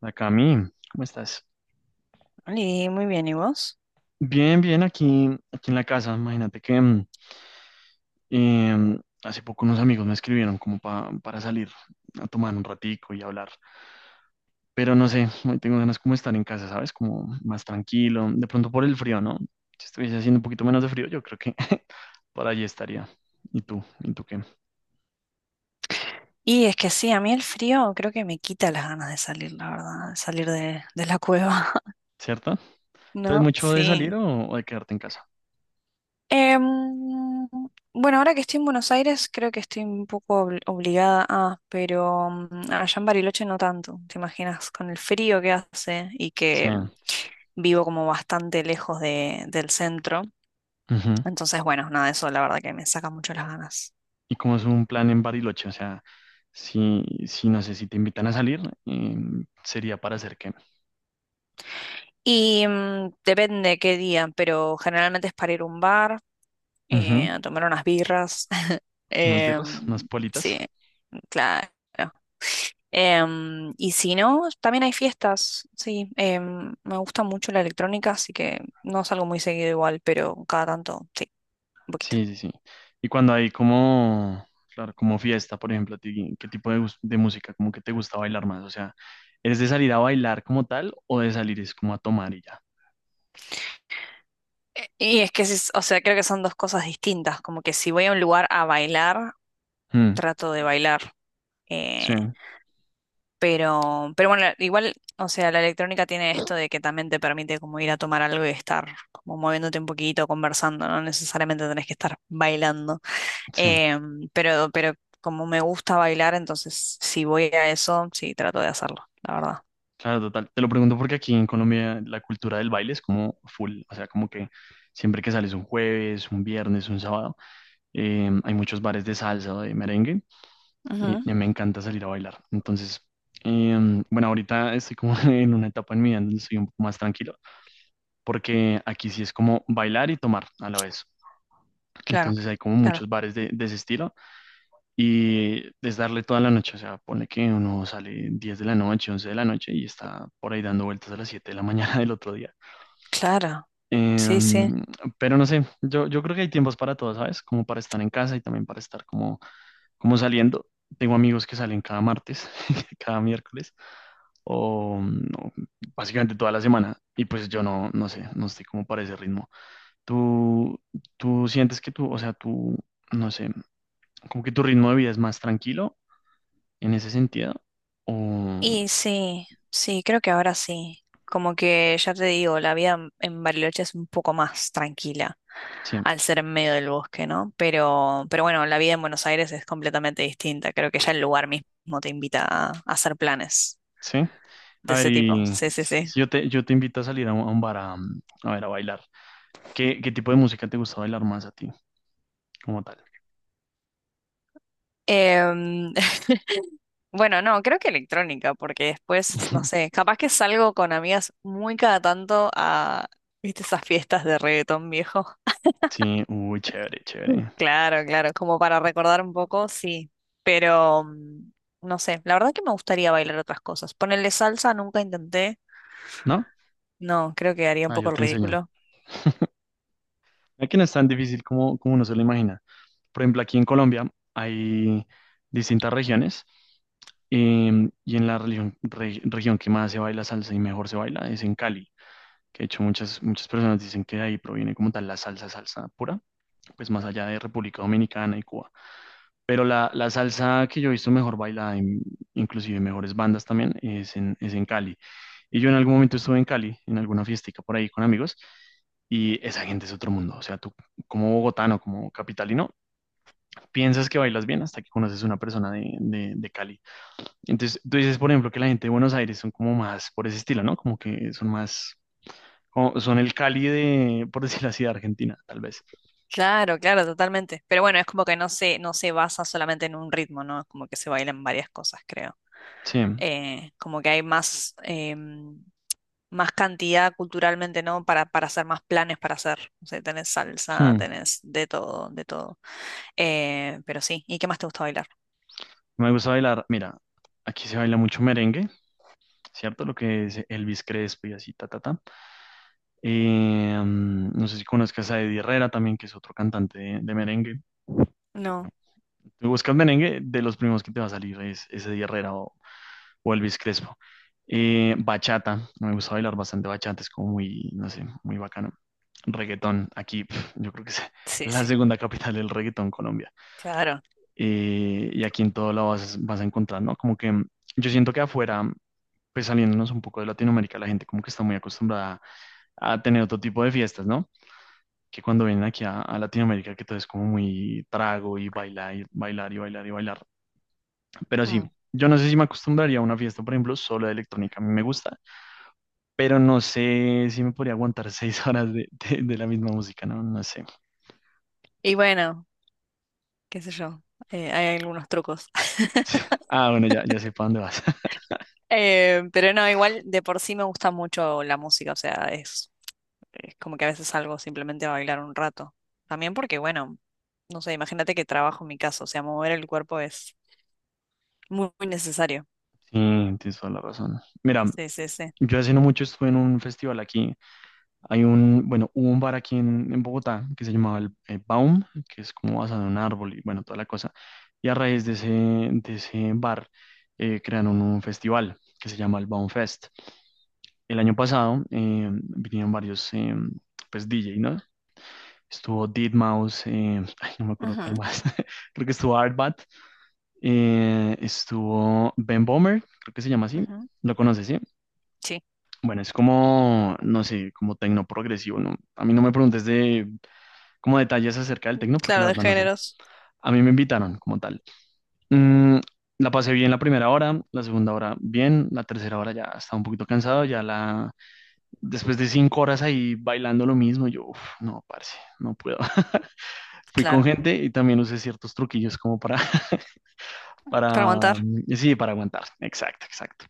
La Cami, ¿cómo estás? Oli, muy bien, ¿y vos? Bien, bien, aquí en la casa. Imagínate que hace poco unos amigos me escribieron como para salir a tomar un ratico y hablar. Pero no sé, hoy tengo ganas como de estar en casa, ¿sabes? Como más tranquilo. De pronto por el frío, ¿no? Si estuviese haciendo un poquito menos de frío, yo creo que por allí estaría. ¿Y tú? ¿Y tú qué? Y es que sí, a mí el frío creo que me quita las ganas de salir, la verdad, de salir de la cueva, ¿Cierto? ¿Entonces ¿no? mucho de salir Sí. o de quedarte en casa? Em, bueno, ahora que estoy en Buenos Aires creo que estoy un poco obligada a, pero allá en Bariloche no tanto, ¿te imaginas? Con el frío que hace y Sí. que. Vivo como bastante lejos del centro. Ujú. Entonces, bueno, nada, eso la verdad que me saca mucho las ganas. Y como es un plan en Bariloche, o sea, si no sé, si te invitan a salir, eh, sería para hacer qué. Y depende qué día, pero generalmente es para ir a un bar Ujú, a tomar unas birras. unas birras, unas Em, sí, politas. claro. Em, y si no, también hay fiestas, sí. Me gusta mucho la electrónica, así que no salgo muy seguido igual, pero cada tanto, sí, un poquito. Sí, sí, sí. Y cuando hay como, claro, como fiesta, por ejemplo, a ti, ¿qué tipo de música, como que te gusta bailar más? O sea, ¿eres de salir a bailar como tal o de salir es como a tomar y ya? Y es que, o sea, creo que son dos cosas distintas, como que si voy a un lugar a bailar, Mm, trato de bailar. sí, eh, pero bueno, igual, o sea, la electrónica tiene esto de que también te permite como ir a tomar algo y estar como moviéndote un poquito, conversando, no necesariamente tenés que estar bailando. sí. Pero como me gusta bailar, entonces si voy a eso, sí, trato de hacerlo, la verdad. Claro, total. Te lo pregunto porque aquí en Colombia la cultura del baile es como full, o sea, como que siempre que sales un jueves, un viernes, un sábado, hay muchos bares de salsa o de merengue y, Ujú, y me encanta salir a bailar. Entonces, bueno, ahorita estoy como en una etapa en mi vida donde estoy un poco más tranquilo, porque aquí sí es como bailar y tomar a la vez. claro, Entonces hay como claro, muchos bares de ese estilo y es darle toda la noche, o sea, pone que uno sale 10 de la noche, 11 de la noche y está por ahí dando vueltas a las 7 de la mañana del otro día. claro. Eh, Sí, sí. pero no sé, yo creo que hay tiempos para todo, ¿sabes? Como para estar en casa y también para estar como saliendo. Tengo amigos que salen cada martes, cada miércoles, o no, básicamente toda la semana. Y pues yo no, no sé, no estoy como para ese ritmo. ¿Tú, tú sientes que tú, o sea, tú, no sé, como que tu ritmo de vida es más tranquilo en ese sentido? O Y sí, sí, creo que ahora sí. Como que ya te digo, la vida en Bariloche es un poco más tranquila. sí, Al ser en medio del bosque, ¿no? Pero bueno, la vida en Buenos Aires es completamente distinta. Creo que ya el lugar mismo te invita a hacer planes sí. A de ver, ese tipo. y Sí, sí, si sí. si yo te invito a salir a a un bar a, a ver, a bailar. ¿Qué tipo de música te gusta bailar más a ti, como tal? Em, bueno, no, creo que electrónica, porque después, no sé, capaz que salgo con amigas muy cada tanto a, ¿viste esas fiestas de reggaetón viejo? Sí, uy, chévere, Mm. chévere. Claro, claro, como para recordar un poco, sí, pero no sé, la verdad que me gustaría bailar otras cosas. Ponerle salsa nunca intenté, ¿No? no, creo que haría un Ah, yo poco el te enseño. ridículo. Aquí no es tan difícil como uno se lo imagina. Por ejemplo, aquí en Colombia hay distintas regiones y en la región que más se baila salsa y mejor se baila es en Cali, que de hecho muchas, muchas personas dicen que de ahí proviene como tal la salsa, salsa pura, pues más allá de República Dominicana y Cuba. Pero la salsa que yo he visto mejor bailada, inclusive mejores bandas también, es en Cali. Y yo en algún momento estuve en Cali, en alguna fiestica por ahí con amigos, y esa gente es otro mundo. O sea, tú como bogotano, como capitalino, piensas que bailas bien hasta que conoces una persona de Cali. Entonces, tú dices, por ejemplo, que la gente de Buenos Aires son como más por ese estilo, ¿no? Como que son más, son el Cali de, por decirlo así, de Argentina, tal vez. Claro, claro, totalmente. Pero bueno, es como que no se basa solamente en un ritmo, ¿no? Es como que se bailan varias cosas, creo. Sí. Como que hay más, más cantidad culturalmente, ¿no? Para hacer más planes para hacer. O sea, tenés salsa, Hmm. tenés de todo, de todo. Pero sí, ¿y qué más te gusta bailar? Me gusta bailar, mira, aquí se baila mucho merengue. ¿Cierto? Lo que es Elvis Crespo y así, ta, ta, ta. No sé si conozcas a Eddie Herrera también, que es otro cantante de merengue. Bueno, No. tú buscas merengue, de los primeros que te va a salir es Eddie Herrera o Elvis Crespo. Bachata, me gusta bailar bastante bachata, es como muy, no sé, muy bacano. Reggaetón, aquí pf, yo creo que es Sí, la sí, segunda capital del reggaetón Colombia. claro. Y aquí en todo lado vas, vas a encontrar, ¿no? Como que yo siento que afuera, pues saliéndonos un poco de Latinoamérica, la gente como que está muy acostumbrada a tener otro tipo de fiestas, ¿no? Que cuando vienen aquí a Latinoamérica, que todo es como muy trago y bailar, y bailar y bailar y bailar. Pero sí, Mm. yo no sé si me acostumbraría a una fiesta, por ejemplo, solo de electrónica, a mí me gusta, pero no sé si me podría aguantar 6 horas de la misma música, ¿no? No sé. Y bueno, qué sé yo, hay algunos trucos. Ah, bueno, ya, ya sé para dónde vas. Pero no, igual de por sí me gusta mucho la música, o sea, es como que a veces salgo simplemente a bailar un rato. También porque, bueno, no sé, imagínate que trabajo en mi casa, o sea, mover el cuerpo es muy, muy necesario. Sí, tienes toda la razón. Mira, Sí, sí, sí. yo hace no mucho estuve en un festival aquí. Hay un, bueno, hubo un bar aquí en Bogotá que se llamaba el Baum, que es como basado en un árbol y bueno, toda la cosa. Y a raíz de ese bar crearon un festival que se llama el Baum Fest. El año pasado vinieron varios pues DJ, ¿no? Estuvo deadmau ay, no me acuerdo Ujú, cuál más, creo que estuvo Artbat, estuvo Ben Bomer, creo que se llama así, ujú. lo conoces, ¿sí? Sí, Bueno, es como, no sé, como tecno progresivo, ¿no? A mí no me preguntes de como detalles acerca del tecno, porque la claro, de verdad no sé. géneros, A mí me invitaron como tal. Mm, la pasé bien la primera hora, la segunda hora bien, la tercera hora ya estaba un poquito cansado, ya la... Después de 5 horas ahí bailando lo mismo, yo, uf, no, parce, no puedo. Fui con claro, gente y también usé ciertos truquillos como para, para para, aguantar. Sí, para aguantar. Exacto, exacto.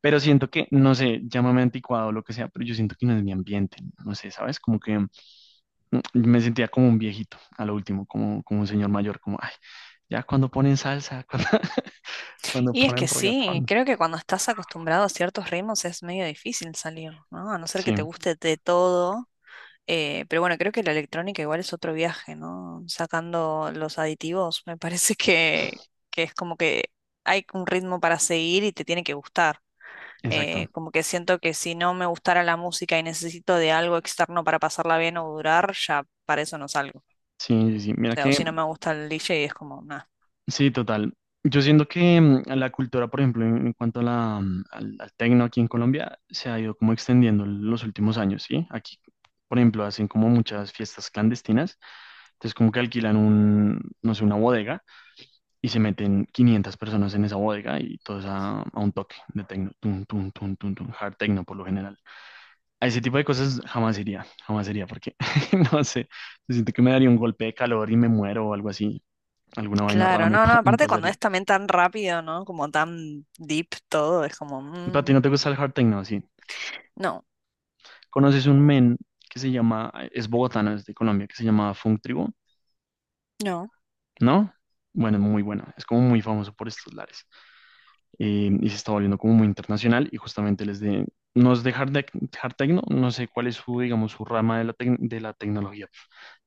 Pero siento que, no sé, llámame anticuado o lo que sea, pero yo siento que no es mi ambiente, no sé, ¿sabes? Como que me sentía como un viejito, a lo último, como un señor mayor, como, ay, ya cuando ponen salsa, cuando Y es ponen que sí, reggaetón. creo que cuando estás acostumbrado a ciertos ritmos es medio difícil salir, ¿no? A no ser Sí, que te guste de todo. Pero bueno, creo que la electrónica igual es otro viaje, ¿no? Sacando los aditivos, me parece que es como que hay un ritmo para seguir y te tiene que gustar. Exacto. Como que siento que si no me gustara la música y necesito de algo externo para pasarla bien o durar, ya para eso no salgo. O Sí, sí, sí. Mira sea, o que, si no me gusta el DJ es como, nada. sí, total. Yo siento que la cultura, por ejemplo, en cuanto a al tecno aquí en Colombia, se ha ido como extendiendo en los últimos años, ¿sí? Aquí, por ejemplo, hacen como muchas fiestas clandestinas, entonces como que alquilan un, no sé, una bodega y se meten 500 personas en esa bodega y todos a un toque de techno, tum, tum, tum, tum, tum, hard techno por lo general. A ese tipo de cosas jamás iría, jamás iría, porque no sé, siento que me daría un golpe de calor y me muero o algo así, alguna vaina rara Claro, me, no, no, me aparte cuando pasaría. es también tan rápido, ¿no? Como tan deep todo, es como, ¿Para ti no te gusta el hard techno? Así, no, ¿conoces un men que se llama, es bogotano, es de Colombia, que se llama Funk Tribu? no, ¿No? Bueno, muy bueno, es como muy famoso por estos lares. Eh, y se está volviendo como muy internacional y justamente no es de hard, hard techno, no sé cuál es su, digamos, su rama de la tecnología,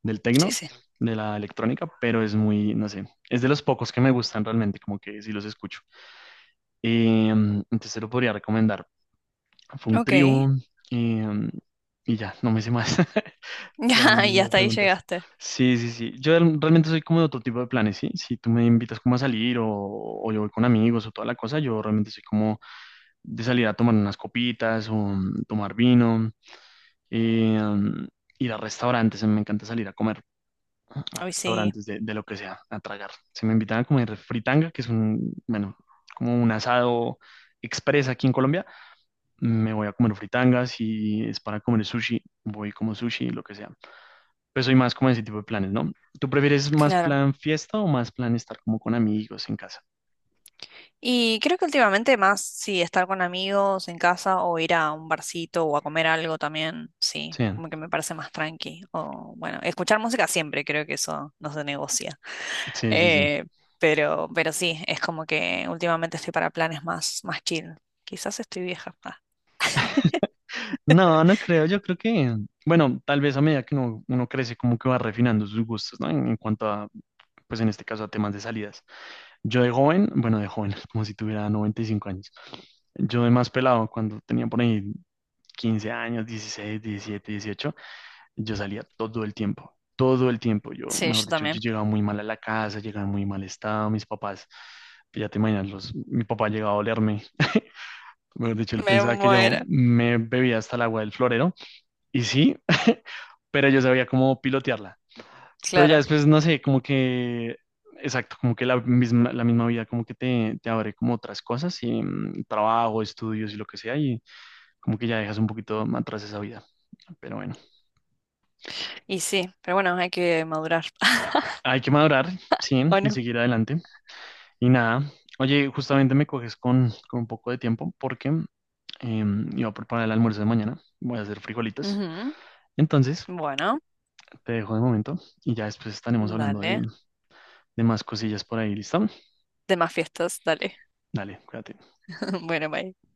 del sí, techno, sí. de la electrónica, pero es muy, no sé, es de los pocos que me gustan realmente, como que sí los escucho. Entonces se lo podría recomendar. Fue un Ok. trío eh, y ya, no me sé más. Ya, Realmente si y me hasta ahí preguntas. llegaste. Sí, sí, sí. Yo realmente soy como de otro tipo de planes, ¿sí? Si tú me invitas como a salir o yo voy con amigos o toda la cosa, yo realmente soy como de salir a tomar unas copitas o tomar vino, eh, mm, ir a restaurantes, me encanta salir a comer a Hoy sí. restaurantes de lo que sea, a tragar. Se me invitan a comer fritanga, que es un, bueno, como un asado express aquí en Colombia, me voy a comer fritangas, y es para comer sushi, voy como sushi, lo que sea. Pues soy más como ese tipo de planes, ¿no? ¿Tú prefieres más Claro. plan fiesta o más plan estar como con amigos en casa? Y creo que últimamente más, sí, estar con amigos en casa o ir a un barcito o a comer algo también, sí, Sí, como que me parece más tranqui. O bueno, escuchar música siempre, creo que eso no se negocia. sí, sí, sí. Eh, pero sí, es como que últimamente estoy para planes más, más chill. Quizás estoy vieja. Ah. No, no creo, yo creo que, bueno, tal vez a medida que uno crece, como que va refinando sus gustos, ¿no? En cuanto a, pues en este caso, a temas de salidas. Yo de joven, bueno, de joven, como si tuviera 95 años. Yo de más pelado, cuando tenía por ahí 15 años, 16, 17, 18, yo salía todo el tiempo, todo el tiempo. Yo, Sí, mejor yo dicho, yo también. llegaba muy mal a la casa, llegaba en muy mal estado, mis papás, ya te imaginas, los, mi papá llegaba a olerme. Mejor dicho, él Me pensaba que yo muero. me bebía hasta el agua del florero y sí, pero yo sabía cómo pilotearla. Pero ya Claro. después, no sé, como que, exacto, como que la misma vida, como que te abre como otras cosas, y trabajo, estudios y lo que sea, y como que ya dejas un poquito atrás esa vida. Pero bueno, Y sí, pero bueno, hay que madurar. hay que madurar, sí, ¿O y no? seguir adelante. Y nada, oye, justamente me coges con un poco de tiempo porque iba a preparar el almuerzo de mañana, voy a hacer frijolitos. Ujú. Entonces, Bueno, te dejo de momento y ya después estaremos hablando de, dale. Más cosillas por ahí, ¿listo? Demás fiestas, dale. Dale, cuídate. Bueno, bye.